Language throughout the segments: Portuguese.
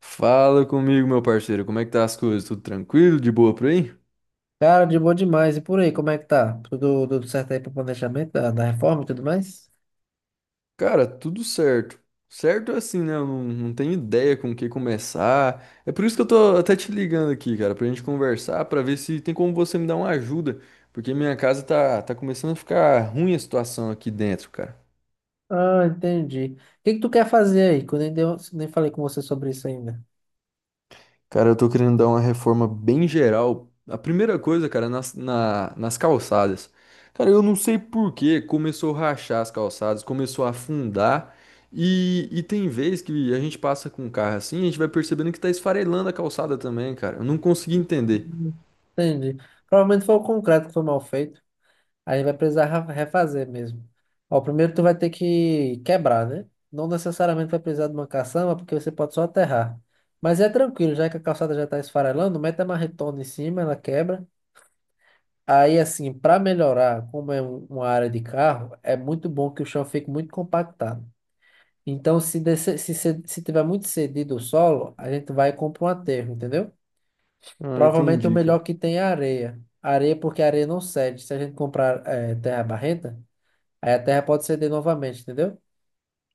Fala comigo, meu parceiro. Como é que tá as coisas? Tudo tranquilo? De boa por aí? Cara, de boa demais. E por aí, como é que tá? Tudo certo aí pro planejamento da reforma e tudo mais? Cara, tudo certo. Certo é assim, né? Eu não tenho ideia com o que começar. É por isso que eu tô até te ligando aqui, cara, pra gente conversar, pra ver se tem como você me dar uma ajuda. Porque minha casa tá começando a ficar ruim a situação aqui dentro, cara. Ah, entendi. O que que tu quer fazer aí? Que eu nem falei com você sobre isso ainda. Cara, eu tô querendo dar uma reforma bem geral. A primeira coisa, cara, nas calçadas. Cara, eu não sei por que começou a rachar as calçadas, começou a afundar. E tem vez que a gente passa com o carro assim, a gente vai percebendo que tá esfarelando a calçada também, cara. Eu não consegui entender. Hum. Entendi. Provavelmente foi o concreto que foi mal feito. Aí vai precisar refazer mesmo. Ó, primeiro tu vai ter que quebrar, né? Não necessariamente vai precisar de uma caçamba, porque você pode só aterrar. Mas é tranquilo, já que a calçada já está esfarelando, mete a marretona em cima, ela quebra. Aí, assim, para melhorar, como é uma área de carro, é muito bom que o chão fique muito compactado. Então, se, descer, se tiver muito cedido o solo, a gente vai e compra um aterro, entendeu? Ah, Provavelmente o entendi, cara. melhor que tem é a areia. Areia porque a areia não cede. Se a gente comprar terra barrenta, aí a terra pode ceder novamente, entendeu?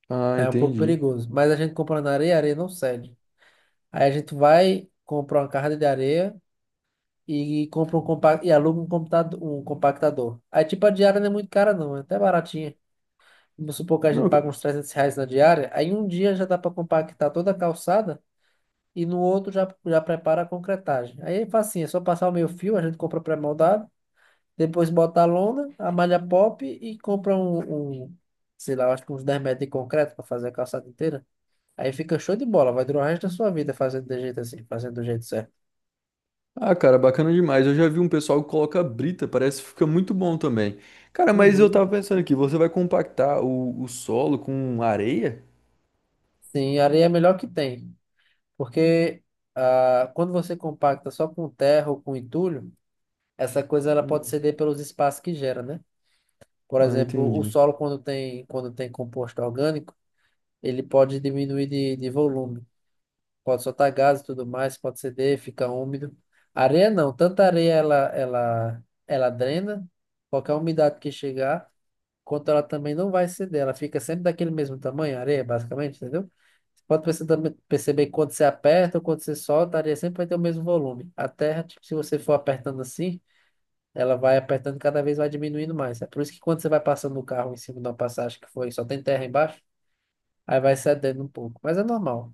Ah, É um pouco entendi. perigoso. Mas a gente compra na areia, a areia não cede. Aí a gente vai, compra uma carga de areia e aluga um computador, um compactador. Aí tipo a diária não é muito cara não, é até baratinha. Vamos supor que a gente Não, ca- paga uns R$ 300 na diária, aí um dia já dá para compactar toda a calçada e no outro já prepara a concretagem. Aí é facinho, é só passar o meio fio, a gente compra pré-moldado, depois bota a lona, a malha pop e compra sei lá, eu acho que uns 10 m de concreto para fazer a calçada inteira. Aí fica show de bola, vai durar o resto da sua vida fazendo de jeito assim, fazendo do jeito certo. Ah, cara, bacana demais. Eu já vi um pessoal que coloca brita, parece que fica muito bom também. Cara, mas eu Uhum. tava pensando aqui, você vai compactar o solo com areia? Sim, areia é a melhor que tem, porque quando você compacta só com terra ou com entulho, essa coisa ela pode ceder pelos espaços que gera, né? Por Ah, exemplo, o entendi. solo quando tem composto orgânico, ele pode diminuir de volume, pode soltar gases e tudo mais, pode ceder, fica úmido. Areia não, tanta areia ela drena qualquer umidade que chegar, quanto ela também não vai ceder, ela fica sempre daquele mesmo tamanho, a areia basicamente, entendeu? Você pode também perceber que quando você aperta ou quando você solta, a areia sempre vai ter o mesmo volume. A terra, tipo, se você for apertando assim ela vai apertando cada vez vai diminuindo mais. É por isso que quando você vai passando o carro em cima de uma passagem que foi só tem terra embaixo, aí vai cedendo um pouco. Mas é normal.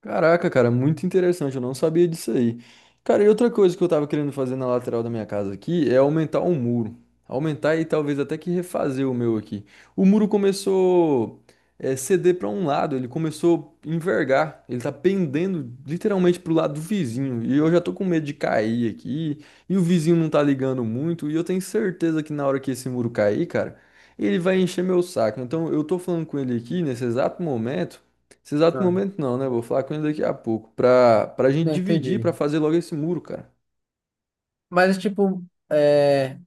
Caraca, cara, muito interessante. Eu não sabia disso aí. Cara, e outra coisa que eu tava querendo fazer na lateral da minha casa aqui é aumentar o muro. Aumentar e talvez até que refazer o meu aqui. O muro começou ceder pra um lado, ele começou a envergar. Ele tá pendendo literalmente pro lado do vizinho. E eu já tô com medo de cair aqui. E o vizinho não tá ligando muito. E eu tenho certeza que na hora que esse muro cair, cara, ele vai encher meu saco. Então eu tô falando com ele aqui nesse exato momento. Nesse exato Ah, momento não, né? Vou falar com ele daqui a pouco. Pra gente não dividir, entendi. pra fazer logo esse muro, cara. Mas, tipo, é,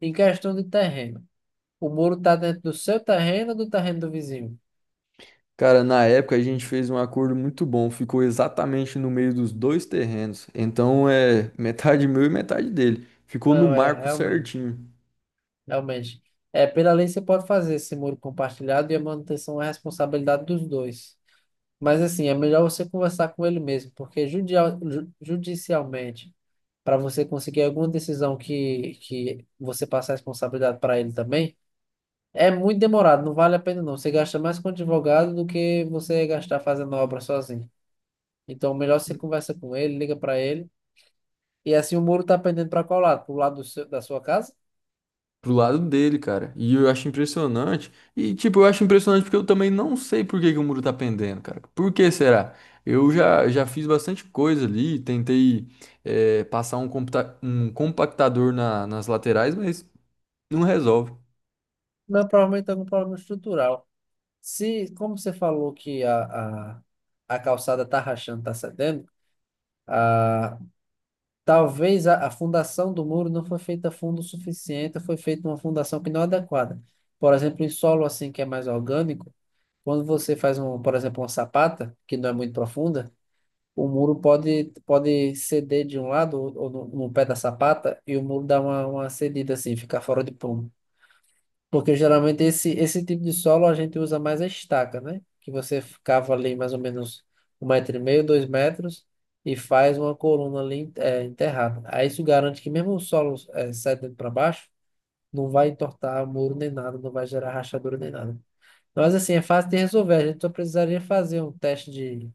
em questão de terreno, o muro tá dentro do seu terreno ou do terreno do vizinho? Cara, na época a gente fez um acordo muito bom. Ficou exatamente no meio dos dois terrenos. Então é metade meu e metade dele. Ficou no Não, é marco realmente, certinho. realmente. É, pela lei você pode fazer esse muro compartilhado e a manutenção é responsabilidade dos dois. Mas assim, é melhor você conversar com ele mesmo, porque judicialmente para você conseguir alguma decisão que você passa a responsabilidade para ele também, é muito demorado, não vale a pena não. Você gasta mais com advogado do que você gastar fazendo obra sozinho. Então, melhor você conversa com ele, liga para ele. E assim o muro está pendendo para qual lado? Para o lado do da sua casa? Pro lado dele, cara. E eu acho impressionante. E, tipo, eu acho impressionante porque eu também não sei por que que o muro tá pendendo, cara. Por que será? Eu já fiz bastante coisa ali. Tentei, passar um, um compactador nas laterais, mas. Não resolve. Não, provavelmente algum problema estrutural. Se, como você falou que a calçada está rachando, está cedendo, a talvez a fundação do muro não foi feita fundo o suficiente, foi feita uma fundação que não é adequada. Por exemplo, em solo assim que é mais orgânico, quando você faz por exemplo, uma sapata, que não é muito profunda, o muro pode ceder de um lado ou, no pé da sapata e o muro dá uma cedida assim, ficar fora de prumo. Porque geralmente esse tipo de solo a gente usa mais a estaca, né? Que você cava ali mais ou menos 1,5 m, 2 m e faz uma coluna ali enterrada. Aí isso garante que mesmo o solo dentro para baixo, não vai entortar muro nem nada, não vai gerar rachadura nem nada. Mas assim, é fácil de resolver. A gente só precisaria fazer um teste de,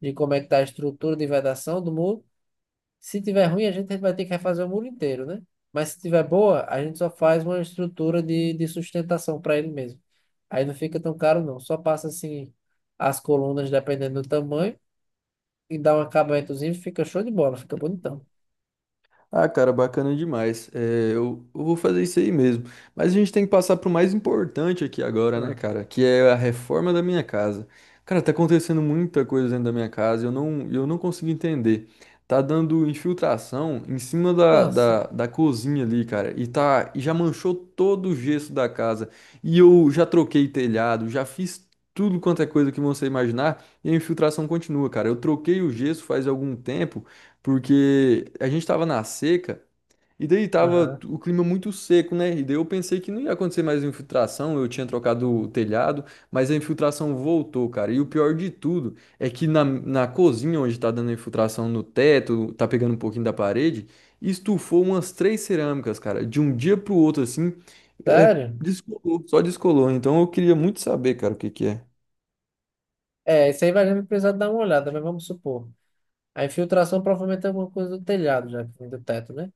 de como é que está a estrutura de vedação do muro. Se tiver ruim, a gente vai ter que refazer o muro inteiro, né? Mas se tiver boa, a gente só faz uma estrutura de sustentação para ele mesmo. Aí não fica tão caro, não. Só passa assim as colunas, dependendo do tamanho, e dá um acabamentozinho, fica show de bola, fica bonitão. Ah, cara, bacana demais. É, eu vou fazer isso aí mesmo. Mas a gente tem que passar pro mais importante aqui agora, né, Ah. cara? Que é a reforma da minha casa. Cara, tá acontecendo muita coisa dentro da minha casa, eu não consigo entender. Tá dando infiltração em cima da, Nossa. da, da cozinha ali, cara. E tá, e já manchou todo o gesso da casa. E eu já troquei telhado, já fiz tudo quanto é coisa que você imaginar, e a infiltração continua, cara. Eu troquei o gesso faz algum tempo. Porque a gente tava na seca e daí tava Aham. o clima muito seco, né? E daí eu pensei que não ia acontecer mais infiltração, eu tinha trocado o telhado, mas a infiltração voltou, cara. E o pior de tudo é que na cozinha onde tá dando infiltração no teto, tá pegando um pouquinho da parede, estufou umas três cerâmicas, cara, de um dia pro outro assim, é, Sério? descolou, só descolou. Então eu queria muito saber, cara, o que que é. É, isso aí vai a gente precisar dar uma olhada, mas vamos supor. A infiltração provavelmente é alguma coisa do telhado, já que vem do teto, né?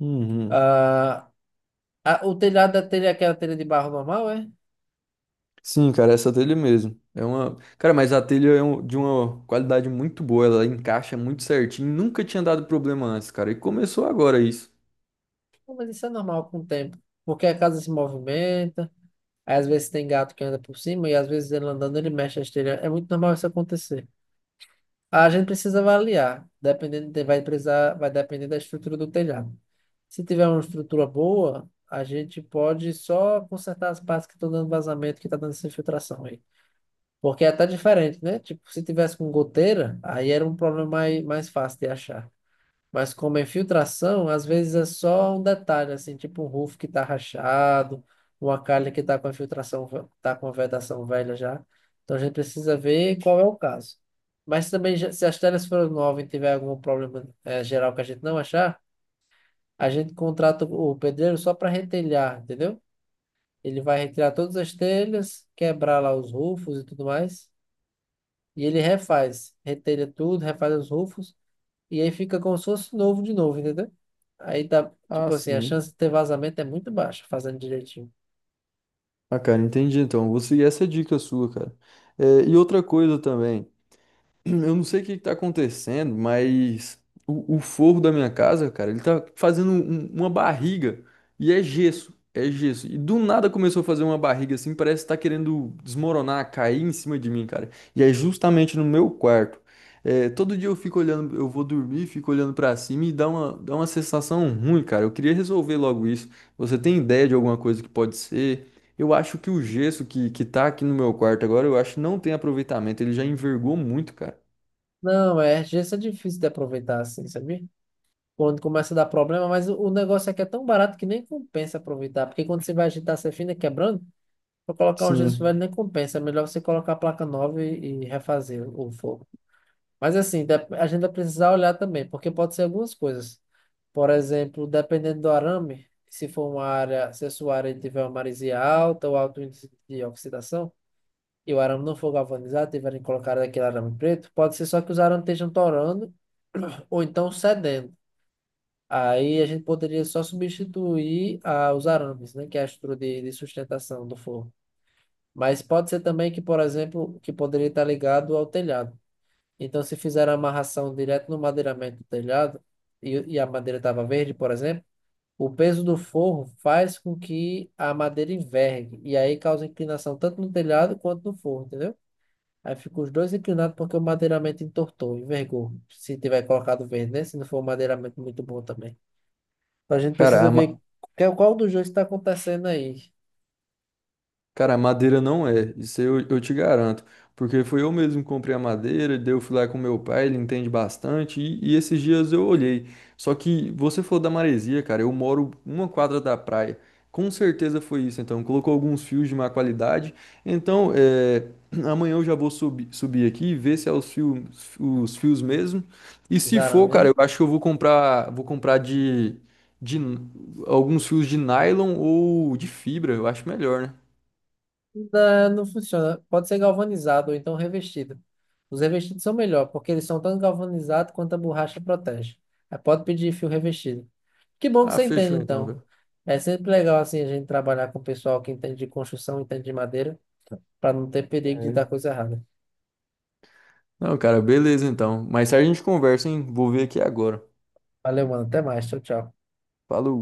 Uhum. Ah, o telhado da telha é aquela telha de barro normal, é? Sim, cara, essa telha mesmo. É uma, cara, mas a telha é de uma qualidade muito boa, ela encaixa muito certinho, nunca tinha dado problema antes, cara, e começou agora isso. Não, mas isso é normal com o tempo, porque a casa se movimenta, aí às vezes tem gato que anda por cima e às vezes ele andando ele mexe a esteira. É muito normal isso acontecer. A gente precisa avaliar, dependendo, vai depender da estrutura do telhado. Se tiver uma estrutura boa, a gente pode só consertar as partes que estão dando vazamento, que está dando essa infiltração aí. Porque é até diferente, né? Tipo, se tivesse com goteira, aí era um problema mais fácil de achar. Mas como é filtração, às vezes é só um detalhe, assim, tipo um roof que tá rachado, uma calha que tá com a filtração, tá com a vedação velha já. Então a gente precisa ver qual é o caso. Mas também, se as telhas forem novas e tiver algum problema geral que a gente não achar, a gente contrata o pedreiro só para retelhar, entendeu? Ele vai retirar todas as telhas, quebrar lá os rufos e tudo mais, e ele refaz, retelha tudo, refaz os rufos e aí fica como se fosse novo de novo, entendeu? Aí dá, Ah, tipo assim, a sim. chance de ter vazamento é muito baixa, fazendo direitinho. Ah, cara, entendi então. Vou seguir essa dica sua, cara. É, e outra coisa também. Eu não sei o que que tá acontecendo, mas o forro da minha casa, cara, ele tá fazendo uma barriga e é gesso, é gesso. E do nada começou a fazer uma barriga assim, parece que tá querendo desmoronar, cair em cima de mim, cara. E é justamente no meu quarto. É, todo dia eu fico olhando, eu vou dormir, fico olhando pra cima e dá dá uma sensação ruim, cara. Eu queria resolver logo isso. Você tem ideia de alguma coisa que pode ser? Eu acho que o gesso que tá aqui no meu quarto agora, eu acho que não tem aproveitamento. Ele já envergou muito, cara. Não, gesso é difícil de aproveitar assim, sabia? Quando começa a dar problema, mas o negócio aqui é tão barato que nem compensa aproveitar, porque quando você vai agitar, você fina quebrando, pra colocar um gesso velho Sim. nem compensa, é melhor você colocar a placa nova e refazer o forro. Mas assim, a gente vai precisar olhar também, porque pode ser algumas coisas. Por exemplo, dependendo do arame, se for uma área, se a sua área tiver uma maresia alta ou alto índice de oxidação, e o arame não for galvanizado, tiverem colocado aquele arame preto, pode ser só que os arames estejam torando ou então cedendo. Aí a gente poderia só substituir os arames, né, que é a estrutura de sustentação do forro. Mas pode ser também que, por exemplo, que poderia estar ligado ao telhado. Então, se fizeram a amarração direto no madeiramento do telhado, e a madeira estava verde, por exemplo, o peso do forro faz com que a madeira envergue, e aí causa inclinação tanto no telhado quanto no forro, entendeu? Aí ficam os dois inclinados porque o madeiramento entortou, envergou. Se tiver colocado verde, né? Se não for um madeiramento muito bom também. Então, a gente Cara, precisa a, ver ma- qual dos dois está acontecendo aí, Cara, madeira não é, isso eu te garanto. Porque foi eu mesmo que comprei a madeira, daí eu fui lá com meu pai, ele entende bastante, e esses dias eu olhei. Só que você falou da maresia, cara, eu moro uma quadra da praia. Com certeza foi isso, então. Colocou alguns fios de má qualidade. Então, amanhã eu já vou subir aqui e ver se é os fios mesmo. E os se arames, for, cara, né? eu acho que vou comprar de n- alguns fios de nylon ou de fibra, eu acho melhor, né? Não, não funciona. Pode ser galvanizado ou então revestido. Os revestidos são melhor, porque eles são tanto galvanizados quanto a borracha protege. Aí pode pedir fio revestido. Que bom que Ah, você entende, fechou então, então. cara. É sempre legal assim a gente trabalhar com o pessoal que entende de construção, entende de madeira, para não ter perigo de É. dar coisa errada. Não, cara, beleza então. Mais tarde a gente conversa, hein? Vou ver aqui agora. Valeu, mano. Até mais. Tchau, tchau. Falou.